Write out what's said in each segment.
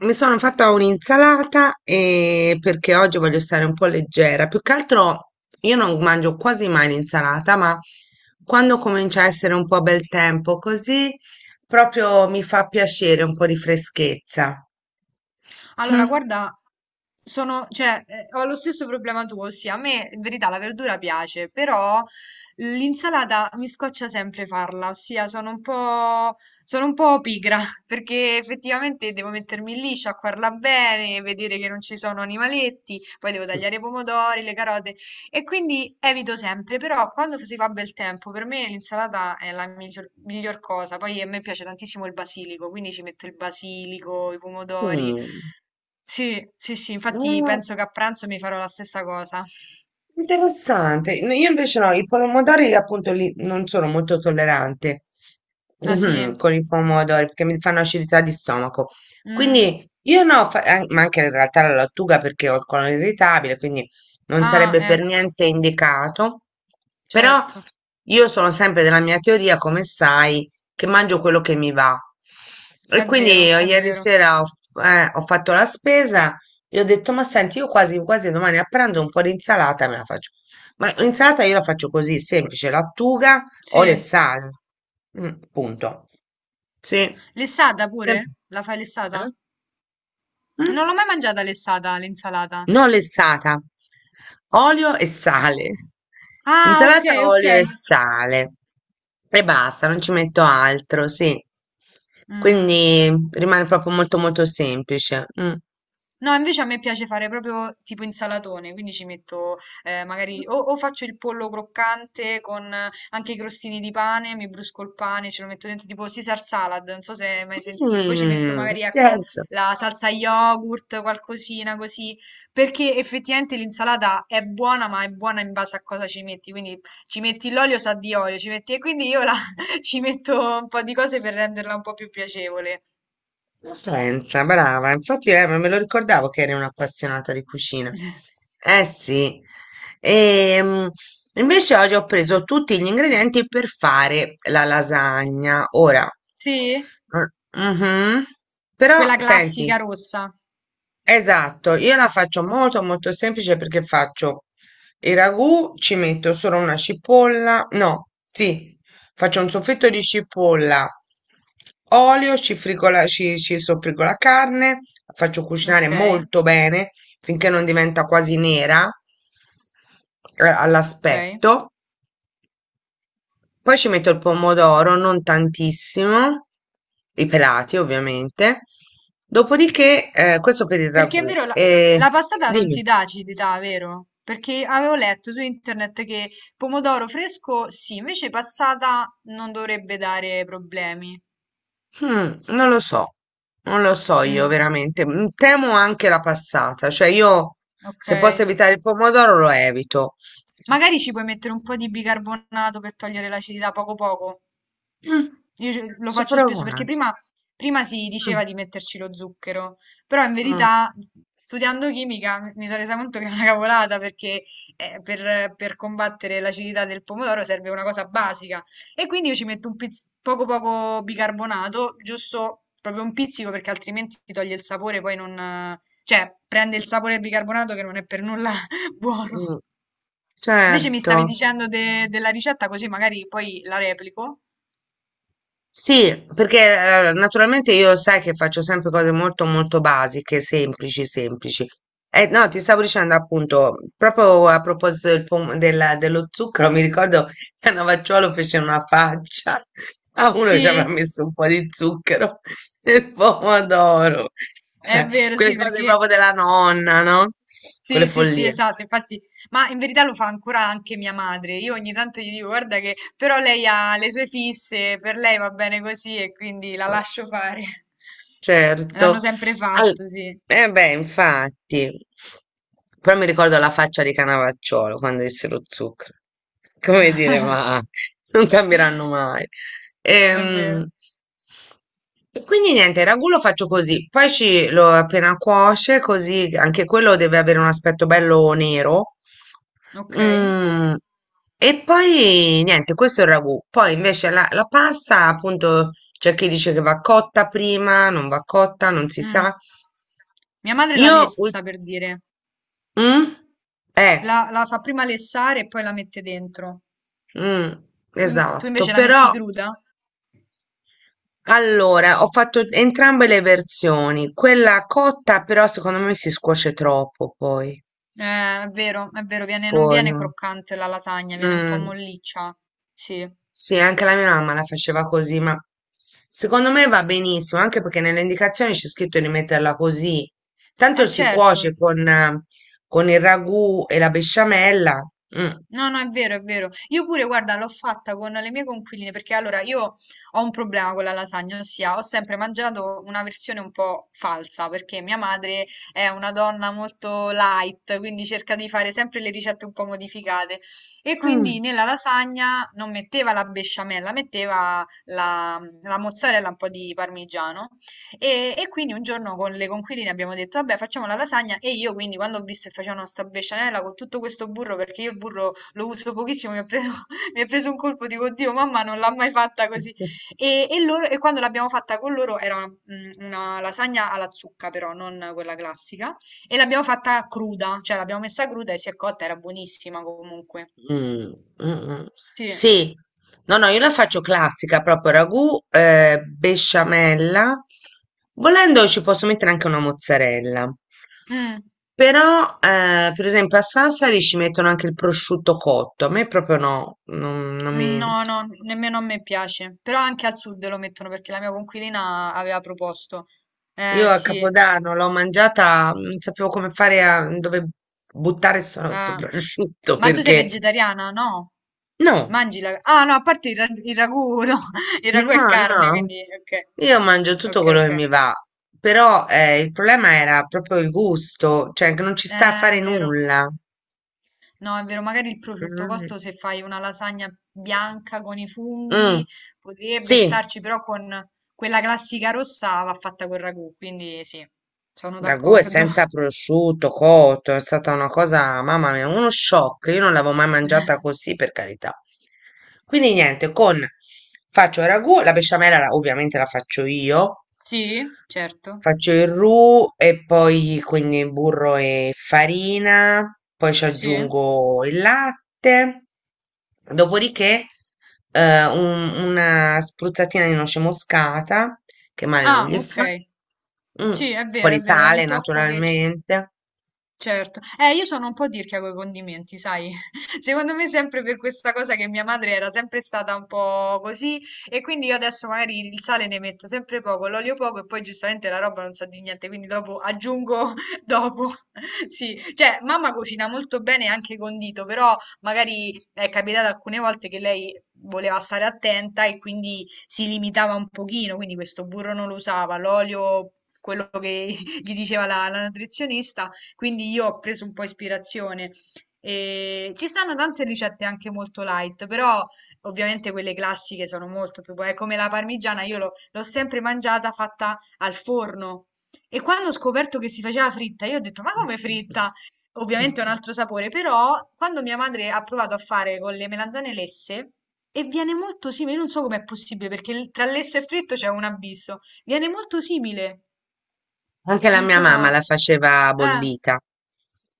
Mi sono fatta un'insalata e perché oggi voglio stare un po' leggera. Più che altro io non mangio quasi mai l'insalata, ma quando comincia a essere un po' bel tempo così, proprio mi fa piacere un po' di freschezza. Allora, Mm. guarda, cioè, ho lo stesso problema tuo, ossia, a me in verità la verdura piace, però l'insalata mi scoccia sempre farla, ossia sono un po' pigra, perché effettivamente devo mettermi lì, sciacquarla bene, vedere che non ci sono animaletti, poi devo tagliare i pomodori, le carote, e quindi evito sempre, però quando si fa bel tempo, per me l'insalata è la miglior cosa, poi a me piace tantissimo il basilico, quindi ci metto il basilico, i pomodori. Sì, sì, sì, infatti Mm. penso che a pranzo mi farò la stessa cosa. Interessante. No, io invece no, i pomodori appunto non sono molto tollerante Ah, sì? mhm, con i pomodori perché mi fanno acidità di stomaco. Mm. Quindi io no, ma anche in realtà la lattuga perché ho il colon irritabile, quindi non Ah, sarebbe per ecco, niente indicato. Però certo, io sono sempre della mia teoria, come sai, che mangio quello che mi va. E è quindi vero, è ieri vero. sera ho fatto la spesa, gli ho detto, ma senti, io quasi quasi domani a pranzo un po' di insalata me la faccio. Ma l'insalata io la faccio così, semplice, lattuga, Sì. olio e sale. Mm, punto. Sì. Lessata Sem- pure? La fai lessata? Eh? Non Mm? l'ho mai mangiata lessata, l'insalata. No, lessata. Olio e sale. Ah, ok, Insalata, ok. olio e sale. E basta, non ci metto altro, sì. Mm. Quindi rimane proprio molto molto semplice. Mm. No, invece a me piace fare proprio tipo insalatone, quindi ci metto magari o faccio il pollo croccante con anche i crostini di pane, mi brusco il pane, ce lo metto dentro tipo Caesar salad, non so se hai mai sentito. Poi ci metto Mm, magari ecco certo. la salsa yogurt, qualcosina così, perché effettivamente l'insalata è buona, ma è buona in base a cosa ci metti, quindi ci metti l'olio sa di olio, ci metti e quindi ci metto un po' di cose per renderla un po' più piacevole. Ma pensa, brava, infatti me lo ricordavo che eri un'appassionata di cucina. Eh sì. Ehm, Invece oggi ho preso tutti gli ingredienti per fare la lasagna. Ora, Sì? Mhm. Però Quella senti, classica rossa. esatto, io la faccio O molto molto semplice perché faccio il ragù, ci metto solo una cipolla, no, sì, faccio un soffritto di cipolla, olio, frigo ci soffriggo la carne, la faccio cucinare Okay, molto bene finché non diventa quasi nera okay. all'aspetto. Poi ci metto il pomodoro, non tantissimo, i pelati ovviamente. Dopodiché, questo per il Perché è ragù. vero la E la passata non dimmi, ti dà acidità, vero? Perché avevo letto su internet che pomodoro fresco sì, invece passata non dovrebbe dare problemi. hmm, non lo so, non lo so io Mh, veramente. Mm, temo anche la passata, cioè io se posso okay. evitare il pomodoro lo evito. Magari ci puoi mettere un po' di bicarbonato per togliere l'acidità poco poco. Mm, Io lo posso faccio spesso perché provare? prima si Mm, diceva di metterci lo zucchero, però in mm, verità studiando chimica mi sono resa conto che è una cavolata perché per combattere l'acidità del pomodoro serve una cosa basica e quindi io ci metto poco poco bicarbonato, giusto proprio un pizzico perché altrimenti ti toglie il sapore, poi non, cioè, prende il sapore del bicarbonato che non è per nulla buono. mm, Invece mi stavi certo. dicendo della ricetta così magari poi la replico. Sì, perché naturalmente io sai che faccio sempre cose molto molto basiche, semplici, semplici. No, ti stavo dicendo appunto, proprio a proposito dello zucchero, mi ricordo che a Navacciuolo fece una faccia a uno che ci aveva Sì? messo un po' di zucchero nel pomodoro. È Eh, vero, quelle sì, cose perché proprio della nonna, no? Quelle sì, sì, sì, follie. esatto, infatti, ma in verità lo fa ancora anche mia madre. Io ogni tanto gli dico, guarda che però lei ha le sue fisse, per lei va bene così e quindi la lascio fare. L'hanno Certo. sempre Al fatto, sì. eh beh, infatti. Poi mi ricordo la faccia di Cannavacciuolo quando disse lo zucchero. Come dire, ma non cambieranno mai. È vero. Ehm, e quindi niente, il ragù lo faccio così, poi lo appena cuoce, così anche quello deve avere un aspetto bello nero. Ok. Mm, e poi niente, questo è il ragù. Poi invece la pasta, appunto, c'è chi dice che va cotta prima, non va cotta, non si Mm. sa. Mia madre la Io, ul- lessa, per dire. mm? Eh, La fa prima lessare e poi la mette dentro. mm, Tu, tu esatto, invece la metti però cruda? allora, ho fatto entrambe le versioni. Quella cotta, però, secondo me si scuoce troppo poi. È vero, non viene Forno. croccante la lasagna, viene un po' Mm, molliccia. Sì, sì, anche la mia mamma la faceva così, ma secondo me va benissimo, anche perché nelle indicazioni c'è scritto di metterla così. Tanto è si cuoce certo. Con il ragù e la besciamella. Mm. No, no, è vero, è vero. Io pure, guarda, l'ho fatta con le mie conquiline perché allora io ho un problema con la lasagna, ossia ho sempre mangiato una versione un po' falsa perché mia madre è una donna molto light, quindi cerca di fare sempre le ricette un po' modificate e quindi nella lasagna non metteva la besciamella, metteva la mozzarella, un po' di parmigiano e quindi un giorno con le conquiline abbiamo detto, vabbè, facciamo la lasagna e io quindi quando ho visto che facevano sta besciamella con tutto questo burro, perché io il burro lo uso pochissimo, mi ha preso, mi è preso un colpo, dico, oddio, mamma non l'ha mai fatta così. Mm. E quando l'abbiamo fatta con loro era una lasagna alla zucca, però, non quella classica, e l'abbiamo fatta cruda, cioè l'abbiamo messa cruda e si è cotta, era buonissima comunque. Mm, mm, mm. Sì. Sì, no, no, io la faccio classica, proprio ragù, besciamella. Volendo ci posso mettere anche una mozzarella. Mm. Però, per esempio, a Sassari ci mettono anche il prosciutto cotto. A me proprio no, non Mm. mi... No, no, nemmeno a me piace, però anche al sud lo mettono perché la mia conquilina aveva proposto. Io a Sì. Capodanno l'ho mangiata, non sapevo come fare a dove buttare sto Ah. prosciutto Ma tu sei perché... vegetariana? No. No. Mangi la... Ah, no, a parte il ragù, no. Il ragù è No, carne, no, quindi... Ok, io mangio tutto ok, quello che ok. mi va, però il problema era proprio il gusto, cioè che non ci sta a È fare vero. nulla. No, è vero, magari il prosciutto Mm. costo se fai una lasagna bianca con i funghi Mm, potrebbe sì, starci, però con quella classica rossa va fatta col ragù, quindi sì, sono ragù è d'accordo. senza prosciutto, cotto, è stata una cosa, mamma mia, uno shock, io non l'avevo mai mangiata così, per carità. Quindi niente, con faccio il ragù, ovviamente la faccio io, Sì, certo. faccio il roux e poi quindi burro e farina, poi ci Sì. aggiungo il latte, dopodiché una spruzzatina di noce moscata, che male non Ah, gli fa, ok. mm, un Sì, è po' vero, di è vero, è un sale tocco che ci. naturalmente. Certo. Io sono un po' tirchia coi condimenti, sai? Secondo me sempre per questa cosa che mia madre era sempre stata un po' così e quindi io adesso magari il sale ne metto sempre poco, l'olio poco e poi giustamente la roba non so di niente, quindi dopo aggiungo dopo. Sì, cioè mamma cucina molto bene anche condito, però magari è capitato alcune volte che lei voleva stare attenta e quindi si limitava un pochino, quindi questo burro non lo usava, l'olio quello che gli diceva la nutrizionista quindi io ho preso un po' ispirazione. E ci stanno tante ricette anche molto light, però ovviamente quelle classiche sono molto più buone. Come la parmigiana, io l'ho sempre mangiata fatta al forno. E quando ho scoperto che si faceva fritta, io ho detto: Ma come fritta? Ovviamente è un altro sapore, però quando mia madre ha provato a fare con le melanzane lesse, e viene molto simile, non so com'è possibile, perché tra lesso e fritto c'è un abisso. Viene molto simile, Anche la non mia so. mamma la faceva Eh, bollita,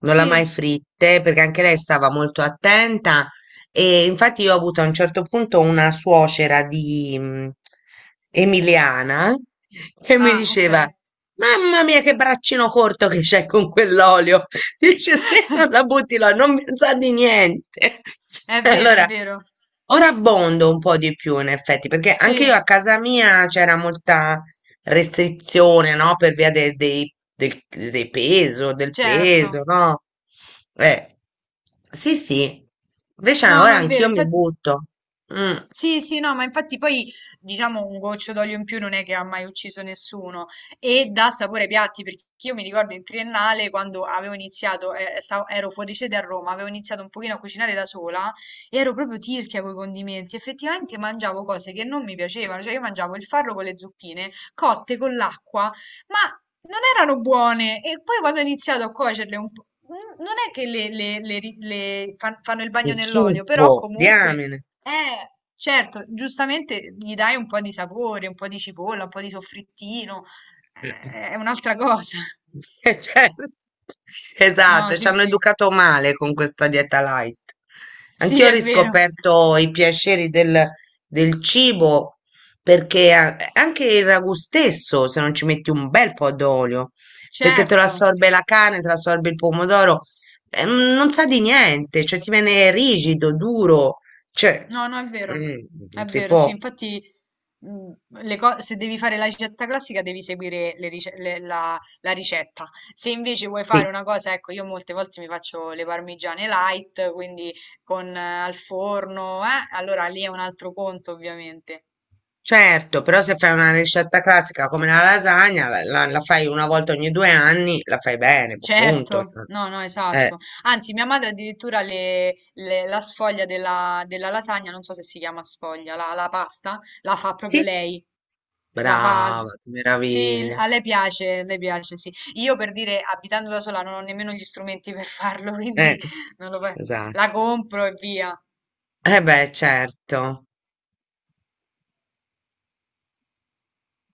non l'ha mai sì. fritte perché anche lei stava molto attenta e infatti io ho avuto a un certo punto una suocera di emiliana che mi Ah, ok. diceva: mamma mia che braccino corto che c'è con quell'olio. Dice se non la butti là non mi sa di niente. È vero, è Allora, vero. ora abbondo un po' di più in effetti perché anche io Sì, a casa mia c'era molta restrizione, no? Per via dei peso, del peso, certo. no? Eh, sì, sì. Invece No, ora no, è vero. anch'io mi Infatti, butto. Mm, sì, sì, no, ma infatti poi diciamo un goccio d'olio in più non è che ha mai ucciso nessuno e dà sapore ai piatti perché io mi ricordo in triennale quando avevo iniziato, ero fuori sede a Roma, avevo iniziato un pochino a cucinare da sola e ero proprio tirchia con i condimenti, effettivamente mangiavo cose che non mi piacevano, cioè io mangiavo il farro con le zucchine cotte con l'acqua, ma non erano buone e poi quando ho iniziato a cuocerle un po'... Non è che le ri- le fan- fanno il mi bagno nell'olio, zuppo, però comunque diamine. Certo, giustamente gli dai un po' di sapore, un po' di cipolla, un po' di soffrittino, Eh. È un'altra cosa. Certo. No, Esatto, ci sì, hanno sì, educato male con questa dieta light. sì, Anch'io ho è vero, riscoperto i piaceri del cibo perché anche il ragù stesso, se non ci metti un bel po' d'olio, perché te lo certo, assorbe la carne, te lo assorbe il pomodoro, mm, non sa di niente, cioè ti viene rigido, duro, cioè no, no, mm, non è si vero, sì, può, infatti mh, se devi fare la ricetta classica devi seguire le rice- le- la, la ricetta, se invece vuoi sì. fare una cosa, ecco, io molte volte mi faccio le parmigiane light, quindi con al forno, allora lì è un altro conto ovviamente. Certo, però se fai una ricetta classica come la lasagna, la fai una volta ogni 2 anni, la fai bene, punto. Certo, Cioè. no, no, Eh, esatto. Anzi, mia madre addirittura la sfoglia della lasagna, non so se si chiama sfoglia, la pasta, la fa proprio sì, lei. La fa... brava, che Sì, meraviglia. A lei piace, sì. Io per dire, abitando da sola, non ho nemmeno gli strumenti per farlo, quindi Eh, non lo fa- esatto. La compro e via. Eh beh, certo.